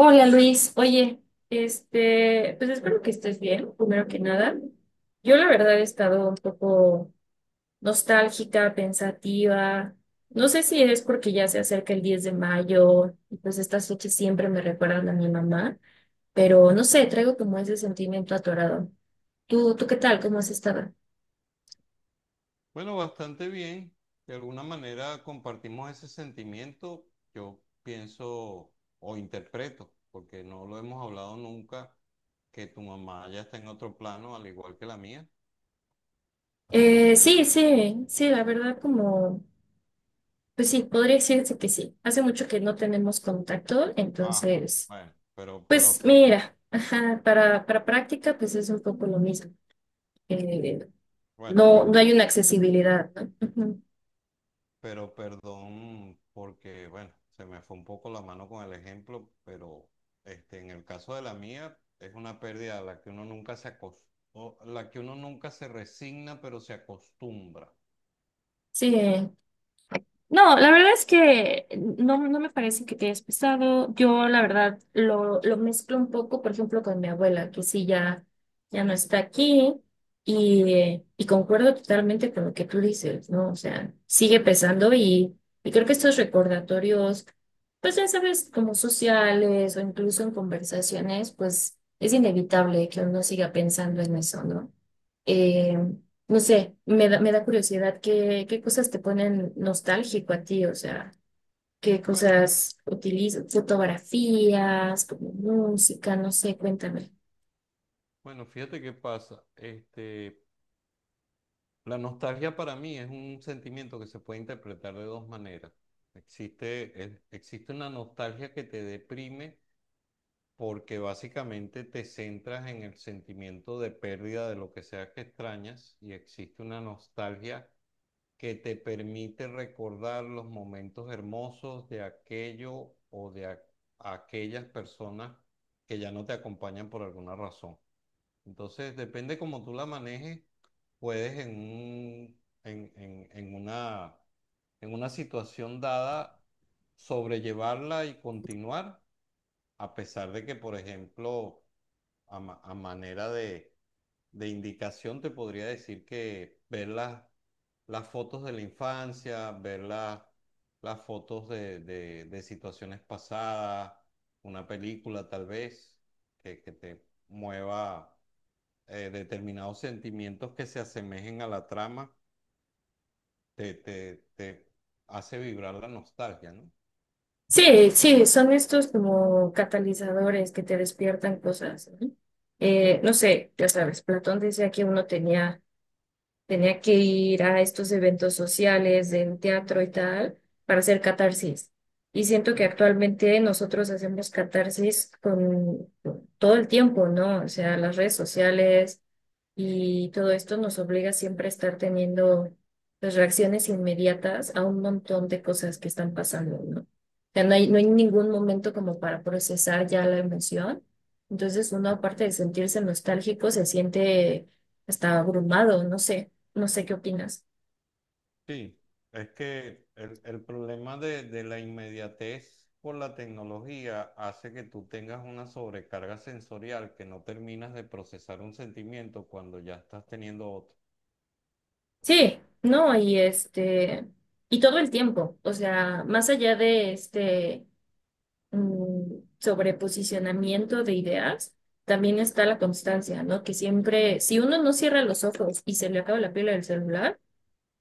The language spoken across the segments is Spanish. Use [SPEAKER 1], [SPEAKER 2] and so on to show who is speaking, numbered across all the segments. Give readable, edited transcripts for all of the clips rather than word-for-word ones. [SPEAKER 1] Hola Luis, oye, pues espero que estés bien, primero que nada. Yo la verdad he estado un poco nostálgica, pensativa. No sé si es porque ya se acerca el 10 de mayo y pues estas fechas siempre me recuerdan, pero atorado. Tú, Tada.
[SPEAKER 2] Bueno, bastante bien. De alguna manera compartimos ese sentimiento, yo pienso o interpreto, porque no lo hemos hablado nunca, que tu mamá ya está en otro plano, al igual que la mía, o no sé.
[SPEAKER 1] Sí, sí, sí, la verdad como, pues sí, podría decirse que sí. Hace mucho que no tenemos contacto,
[SPEAKER 2] Ah,
[SPEAKER 1] entonces
[SPEAKER 2] bueno,
[SPEAKER 1] pues mira, ajá, para práctica pues es un poco lo mismo. Eh,
[SPEAKER 2] bueno,
[SPEAKER 1] no, no hay
[SPEAKER 2] perdón.
[SPEAKER 1] una accesibilidad, ¿no? Ujú.
[SPEAKER 2] Pero perdón porque, bueno, se me fue un poco la mano con el ejemplo, pero en el caso de la mía es una pérdida a la que uno nunca o la que uno nunca se resigna, pero se acostumbra.
[SPEAKER 1] Sí, no, la verdad es que no me parece que te hayas pesado. Yo, la verdad, lo mezclo un poco, por ejemplo, con mi abuela, que sí ya, ya no está aquí, y concuerdo totalmente con lo que tú dices, ¿no? O sea, sigue pesando y creo que estos recordatorios, pues ya sabes, como sociales o incluso en conversaciones, pues es inevitable que uno siga pensando en eso, ¿no? Eh, no sé, me da curiosidad qué, qué cosas te ponen nostálgico a ti, o sea, qué
[SPEAKER 2] Bueno,
[SPEAKER 1] cosas utilizas, fotografías, como música, no sé, cuéntame.
[SPEAKER 2] bueno, fíjate qué pasa. La nostalgia para mí es un sentimiento que se puede interpretar de dos maneras. Existe una nostalgia que te deprime porque básicamente te centras en el sentimiento de pérdida de lo que sea que extrañas, y existe una nostalgia que te permite recordar los momentos hermosos de aquello o de aquellas personas que ya no te acompañan por alguna razón. Entonces, depende cómo tú la manejes, puedes en un- en una situación dada sobrellevarla y continuar, a pesar de que, por ejemplo, a manera de indicación, te podría decir que ver las fotos de la infancia, ver las fotos de situaciones pasadas, una película tal vez que te mueva determinados sentimientos que se asemejen a la trama, te hace vibrar la nostalgia, ¿no?
[SPEAKER 1] Sí, sí, son estos como catalizadores que te despiertan cosas, ¿no? No sé, ya sabes, Platón decía que uno tenía tenía que ir a estos eventos sociales, en teatro y tal, para hacer catarsis. Y siento que actualmente nosotros hacemos catarsis con todo el tiempo, ¿no? O sea, las redes sociales y todo esto nos obliga siempre a estar teniendo pues, reacciones inmediatas a un montón de cosas que están pasando, ¿no? O sea, no hay ningún momento como para procesar ya la emoción. Entonces uno, aparte de sentirse nostálgico, se siente hasta abrumado, no sé, no sé qué opinas.
[SPEAKER 2] Sí, es que el problema de la inmediatez por la tecnología hace que tú tengas una sobrecarga sensorial, que no terminas de procesar un sentimiento cuando ya estás teniendo otro.
[SPEAKER 1] Sí, no, y y todo el tiempo, o sea, más allá de este sobre posicionamiento de ideas, también está la constancia, ¿no? Que siempre, si uno no cierra los ojos y se le acaba la pila del celular,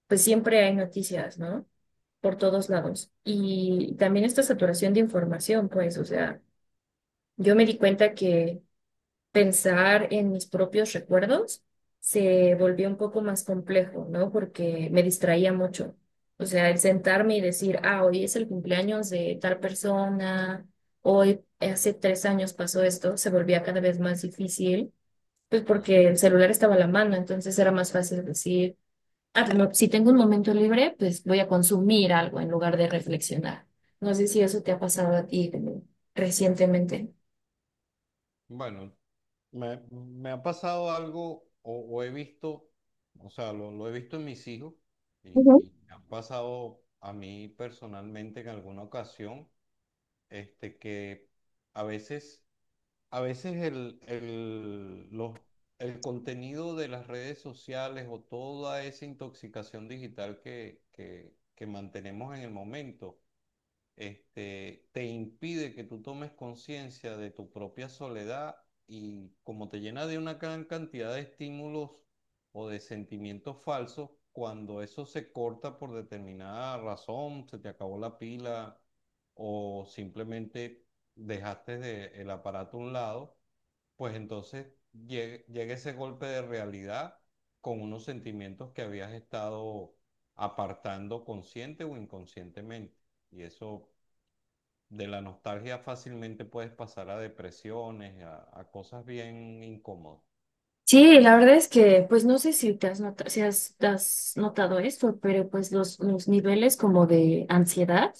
[SPEAKER 1] pues siempre hay noticias, ¿no? Por todos lados. Y también esta saturación de información, pues, o sea, yo me di cuenta que pensar en mis propios recuerdos se volvió un poco más complejo, ¿no? Porque me distraía mucho. O sea, el sentarme y decir, ah, hoy es el cumpleaños de tal persona, hoy hace 3 años pasó esto, se volvía cada vez más difícil, pues
[SPEAKER 2] Mm.
[SPEAKER 1] porque el celular estaba a la mano, entonces era más fácil decir, ah, no, si tengo un momento libre, pues voy a consumir algo en lugar de reflexionar. No sé si eso te ha pasado a ti como recientemente.
[SPEAKER 2] Bueno, me ha pasado algo, o he visto, o sea, lo he visto en mis hijos, y me ha pasado a mí personalmente en alguna ocasión, que a veces a veces el contenido de las redes sociales o toda esa intoxicación digital que mantenemos en el momento, te impide que tú tomes conciencia de tu propia soledad, y como te llena de una gran cantidad de estímulos o de sentimientos falsos, cuando eso se corta por determinada razón, se te acabó la pila o simplemente el aparato a un lado, pues entonces llega ese golpe de realidad, con unos sentimientos que habías estado apartando consciente o inconscientemente. Y eso, de la nostalgia fácilmente puedes pasar a depresiones, a cosas bien incómodas.
[SPEAKER 1] Sí, la verdad es que, pues no sé si te has notado, si has notado esto, pero pues los niveles como de ansiedad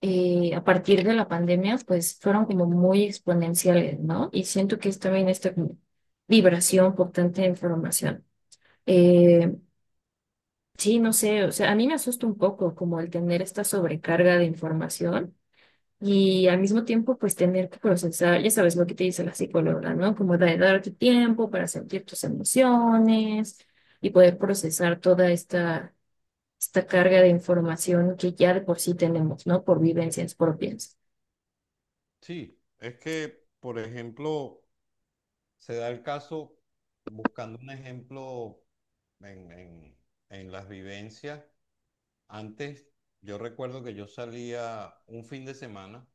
[SPEAKER 1] a partir de la pandemia, pues fueron como muy exponenciales, ¿no? Y siento que es también esta como vibración por tanta información. Eh, sí, no sé, o sea, a mí me asusta un poco como el tener esta sobrecarga de información y al mismo tiempo, pues tener que procesar, ya sabes lo que te dice la psicóloga, ¿no? Como de darte tiempo para sentir tus emociones y poder procesar toda esta carga de información que ya de por sí tenemos, ¿no? Por vivencias propias.
[SPEAKER 2] Sí, es que, por ejemplo, se da el caso, buscando un ejemplo en, en- en las vivencias, antes yo recuerdo que yo salía un fin de semana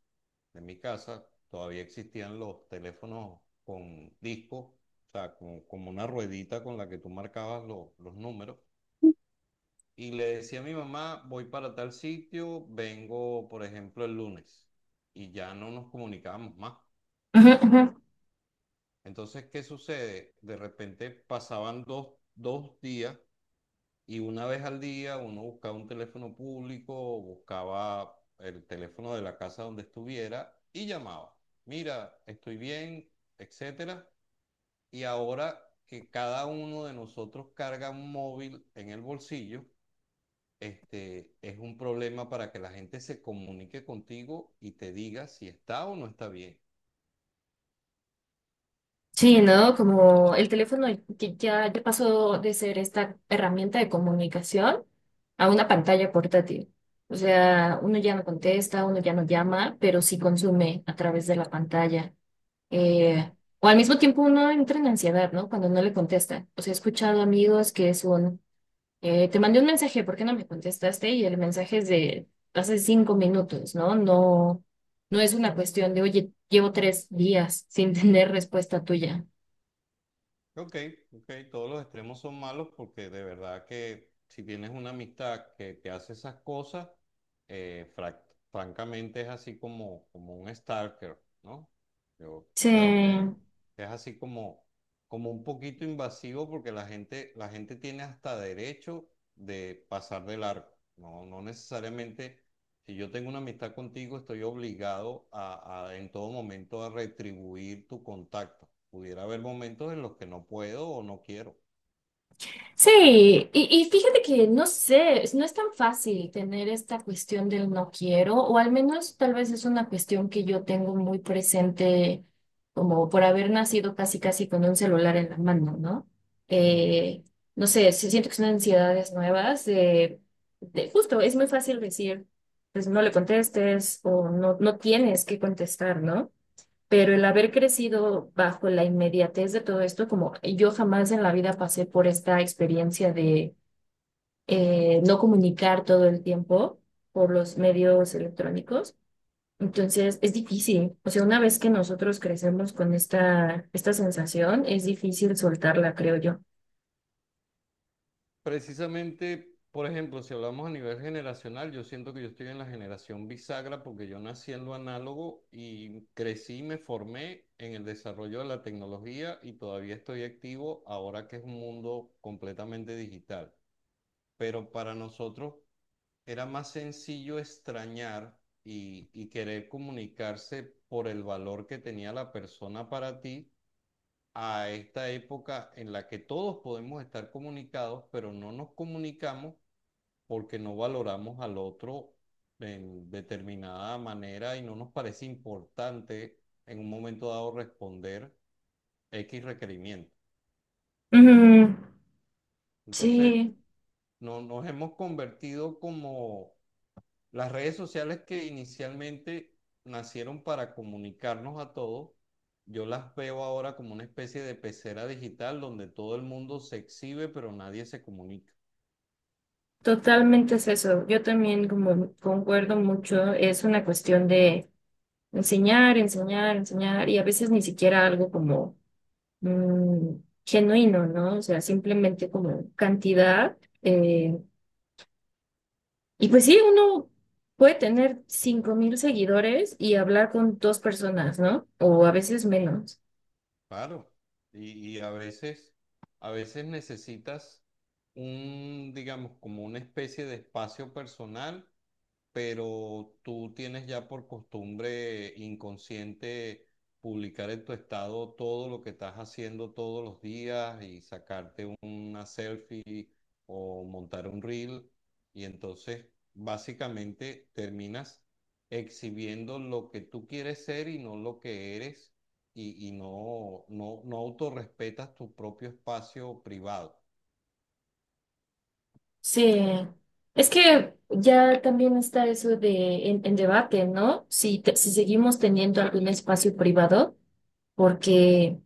[SPEAKER 2] de mi casa, todavía existían los teléfonos con discos, o sea, como, como una ruedita con la que tú marcabas los números. Y le decía a mi mamá, voy para tal sitio, vengo, por ejemplo, el lunes. Y ya no nos comunicábamos más.
[SPEAKER 1] Ujú, ujú.
[SPEAKER 2] Entonces, ¿qué sucede? De repente pasaban dos días. Y una vez al día uno buscaba un teléfono público, buscaba el teléfono de la casa donde estuviera y llamaba. Mira, estoy bien, etcétera. Y ahora que cada uno de nosotros carga un móvil en el bolsillo, es un problema para que la gente se comunique contigo y te diga si está o no está bien.
[SPEAKER 1] Sí, ¿no? Como el teléfono que ya, ya pasó de ser esta herramienta de comunicación a una pantalla portátil. O sea, uno ya no contesta, uno ya no llama, pero sí consume a través de la pantalla. Eh, o al mismo tiempo uno entra en ansiedad, ¿no? Cuando no le contesta. O sea, he escuchado amigos que es un, te mandé un mensaje, ¿por qué no me contestaste? Y el mensaje es de hace 5 minutos, ¿no? No, no es una cuestión de, oye, llevo 3 días sin tener respuesta tuya.
[SPEAKER 2] Ok, ok, todos los extremos son malos, porque de verdad que si tienes una amistad que te hace esas cosas, eh, frac- francamente es así como, como un stalker, ¿no? Yo
[SPEAKER 1] Sí.
[SPEAKER 2] creo que es así como, como un poquito invasivo, porque la gente tiene hasta derecho de pasar de largo, ¿no? No necesariamente, si yo tengo una amistad contigo, estoy obligado a en todo momento a retribuir tu contacto. Pudiera haber momentos en los que no puedo o no quiero.
[SPEAKER 1] Sí, y fíjate que no sé, no es tan fácil tener esta cuestión del no quiero, o al menos tal vez es una cuestión que yo tengo muy presente, como por haber nacido casi casi con un celular en la mano, ¿no?
[SPEAKER 2] Ujú.
[SPEAKER 1] Eh, no sé, sí siento que son ansiedades nuevas, de, justo, es muy fácil decir, pues no le contestes o no, no tienes que contestar, ¿no? Pero el haber crecido bajo la inmediatez de todo esto, como yo jamás en la vida pasé por esta experiencia de no comunicar todo el tiempo por los medios electrónicos, entonces es difícil. O sea, una vez que nosotros crecemos con esta sensación, es difícil soltarla, creo yo.
[SPEAKER 2] Precisamente, por ejemplo, si hablamos a nivel generacional, yo siento que yo estoy en la generación bisagra, porque yo nací en lo análogo y crecí y me formé en el desarrollo de la tecnología y todavía estoy activo ahora que es un mundo completamente digital. Pero para nosotros era más sencillo extrañar y querer comunicarse por el valor que tenía la persona para ti, a esta época en la que todos podemos estar comunicados, pero no nos comunicamos porque no valoramos al otro en determinada manera y no nos parece importante en un momento dado responder X requerimiento.
[SPEAKER 1] Mm,
[SPEAKER 2] Entonces,
[SPEAKER 1] sí,
[SPEAKER 2] no, nos hemos convertido como las redes sociales, que inicialmente nacieron para comunicarnos a todos. Yo las veo ahora como una especie de pecera digital donde todo el mundo se exhibe, pero nadie se comunica.
[SPEAKER 1] totalmente es eso. Yo también como concuerdo mucho, es una cuestión de enseñar y a veces ni siquiera algo como mm, genuino, ¿no? O sea, simplemente como cantidad. eh, y pues sí, uno puede tener 5000 seguidores y hablar con dos personas, ¿no? O a veces menos.
[SPEAKER 2] Claro, y, y a veces, a veces necesitas un, digamos, como una especie de espacio personal, pero tú tienes ya por costumbre inconsciente publicar en tu estado todo lo que estás haciendo todos los días y sacarte una selfie o montar un reel, y entonces básicamente terminas exhibiendo lo que tú quieres ser y no lo que eres, y, no autorrespetas tu propio espacio privado.
[SPEAKER 1] Sí. Es que ya también está eso de en debate, ¿no? Si, si seguimos teniendo algún espacio privado, porque eh,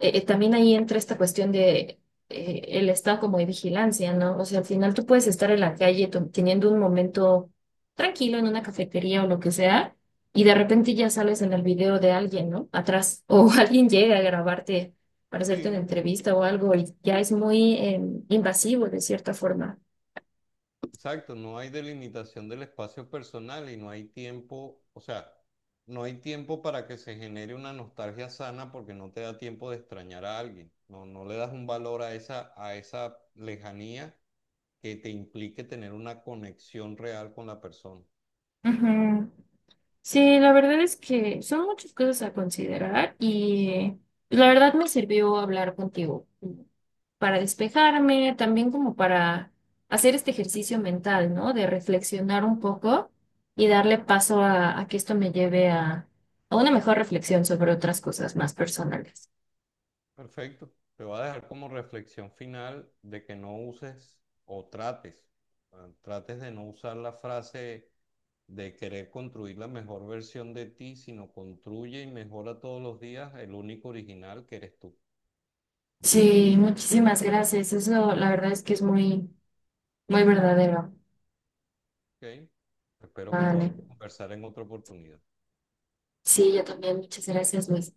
[SPEAKER 1] eh, también ahí entra esta cuestión de el estado como de vigilancia, ¿no? O sea, al final tú puedes estar en la calle teniendo un momento tranquilo en una cafetería o lo que sea, y de repente ya sales en el video de alguien, ¿no? Atrás, o alguien llega a grabarte para hacerte una
[SPEAKER 2] Sí,
[SPEAKER 1] entrevista o algo, y ya es muy invasivo de cierta forma.
[SPEAKER 2] exacto, no hay delimitación del espacio personal y no hay tiempo, o sea, no hay tiempo para que se genere una nostalgia sana porque no te da tiempo de extrañar a alguien. No, no le das un valor a a esa lejanía que te implique tener una conexión real con la persona.
[SPEAKER 1] Ujú. Sí, la verdad es que son muchas cosas a considerar y la verdad me sirvió hablar contigo para despejarme, también como para hacer este ejercicio mental, ¿no? De reflexionar un poco y darle paso a que esto me lleve a una mejor reflexión sobre otras cosas más personales.
[SPEAKER 2] Perfecto. Te va a dejar como reflexión final de que no uses o trates, ah, trates de no usar la frase de querer construir la mejor versión de ti, sino construye y mejora todos los días el único original que eres tú.
[SPEAKER 1] Sí, muchísimas gracias. Eso la verdad es que es muy, muy verdadero.
[SPEAKER 2] ¿Ok? Espero que
[SPEAKER 1] Vale.
[SPEAKER 2] podamos conversar en otra oportunidad.
[SPEAKER 1] Sí, yo también. Muchas gracias, Luis.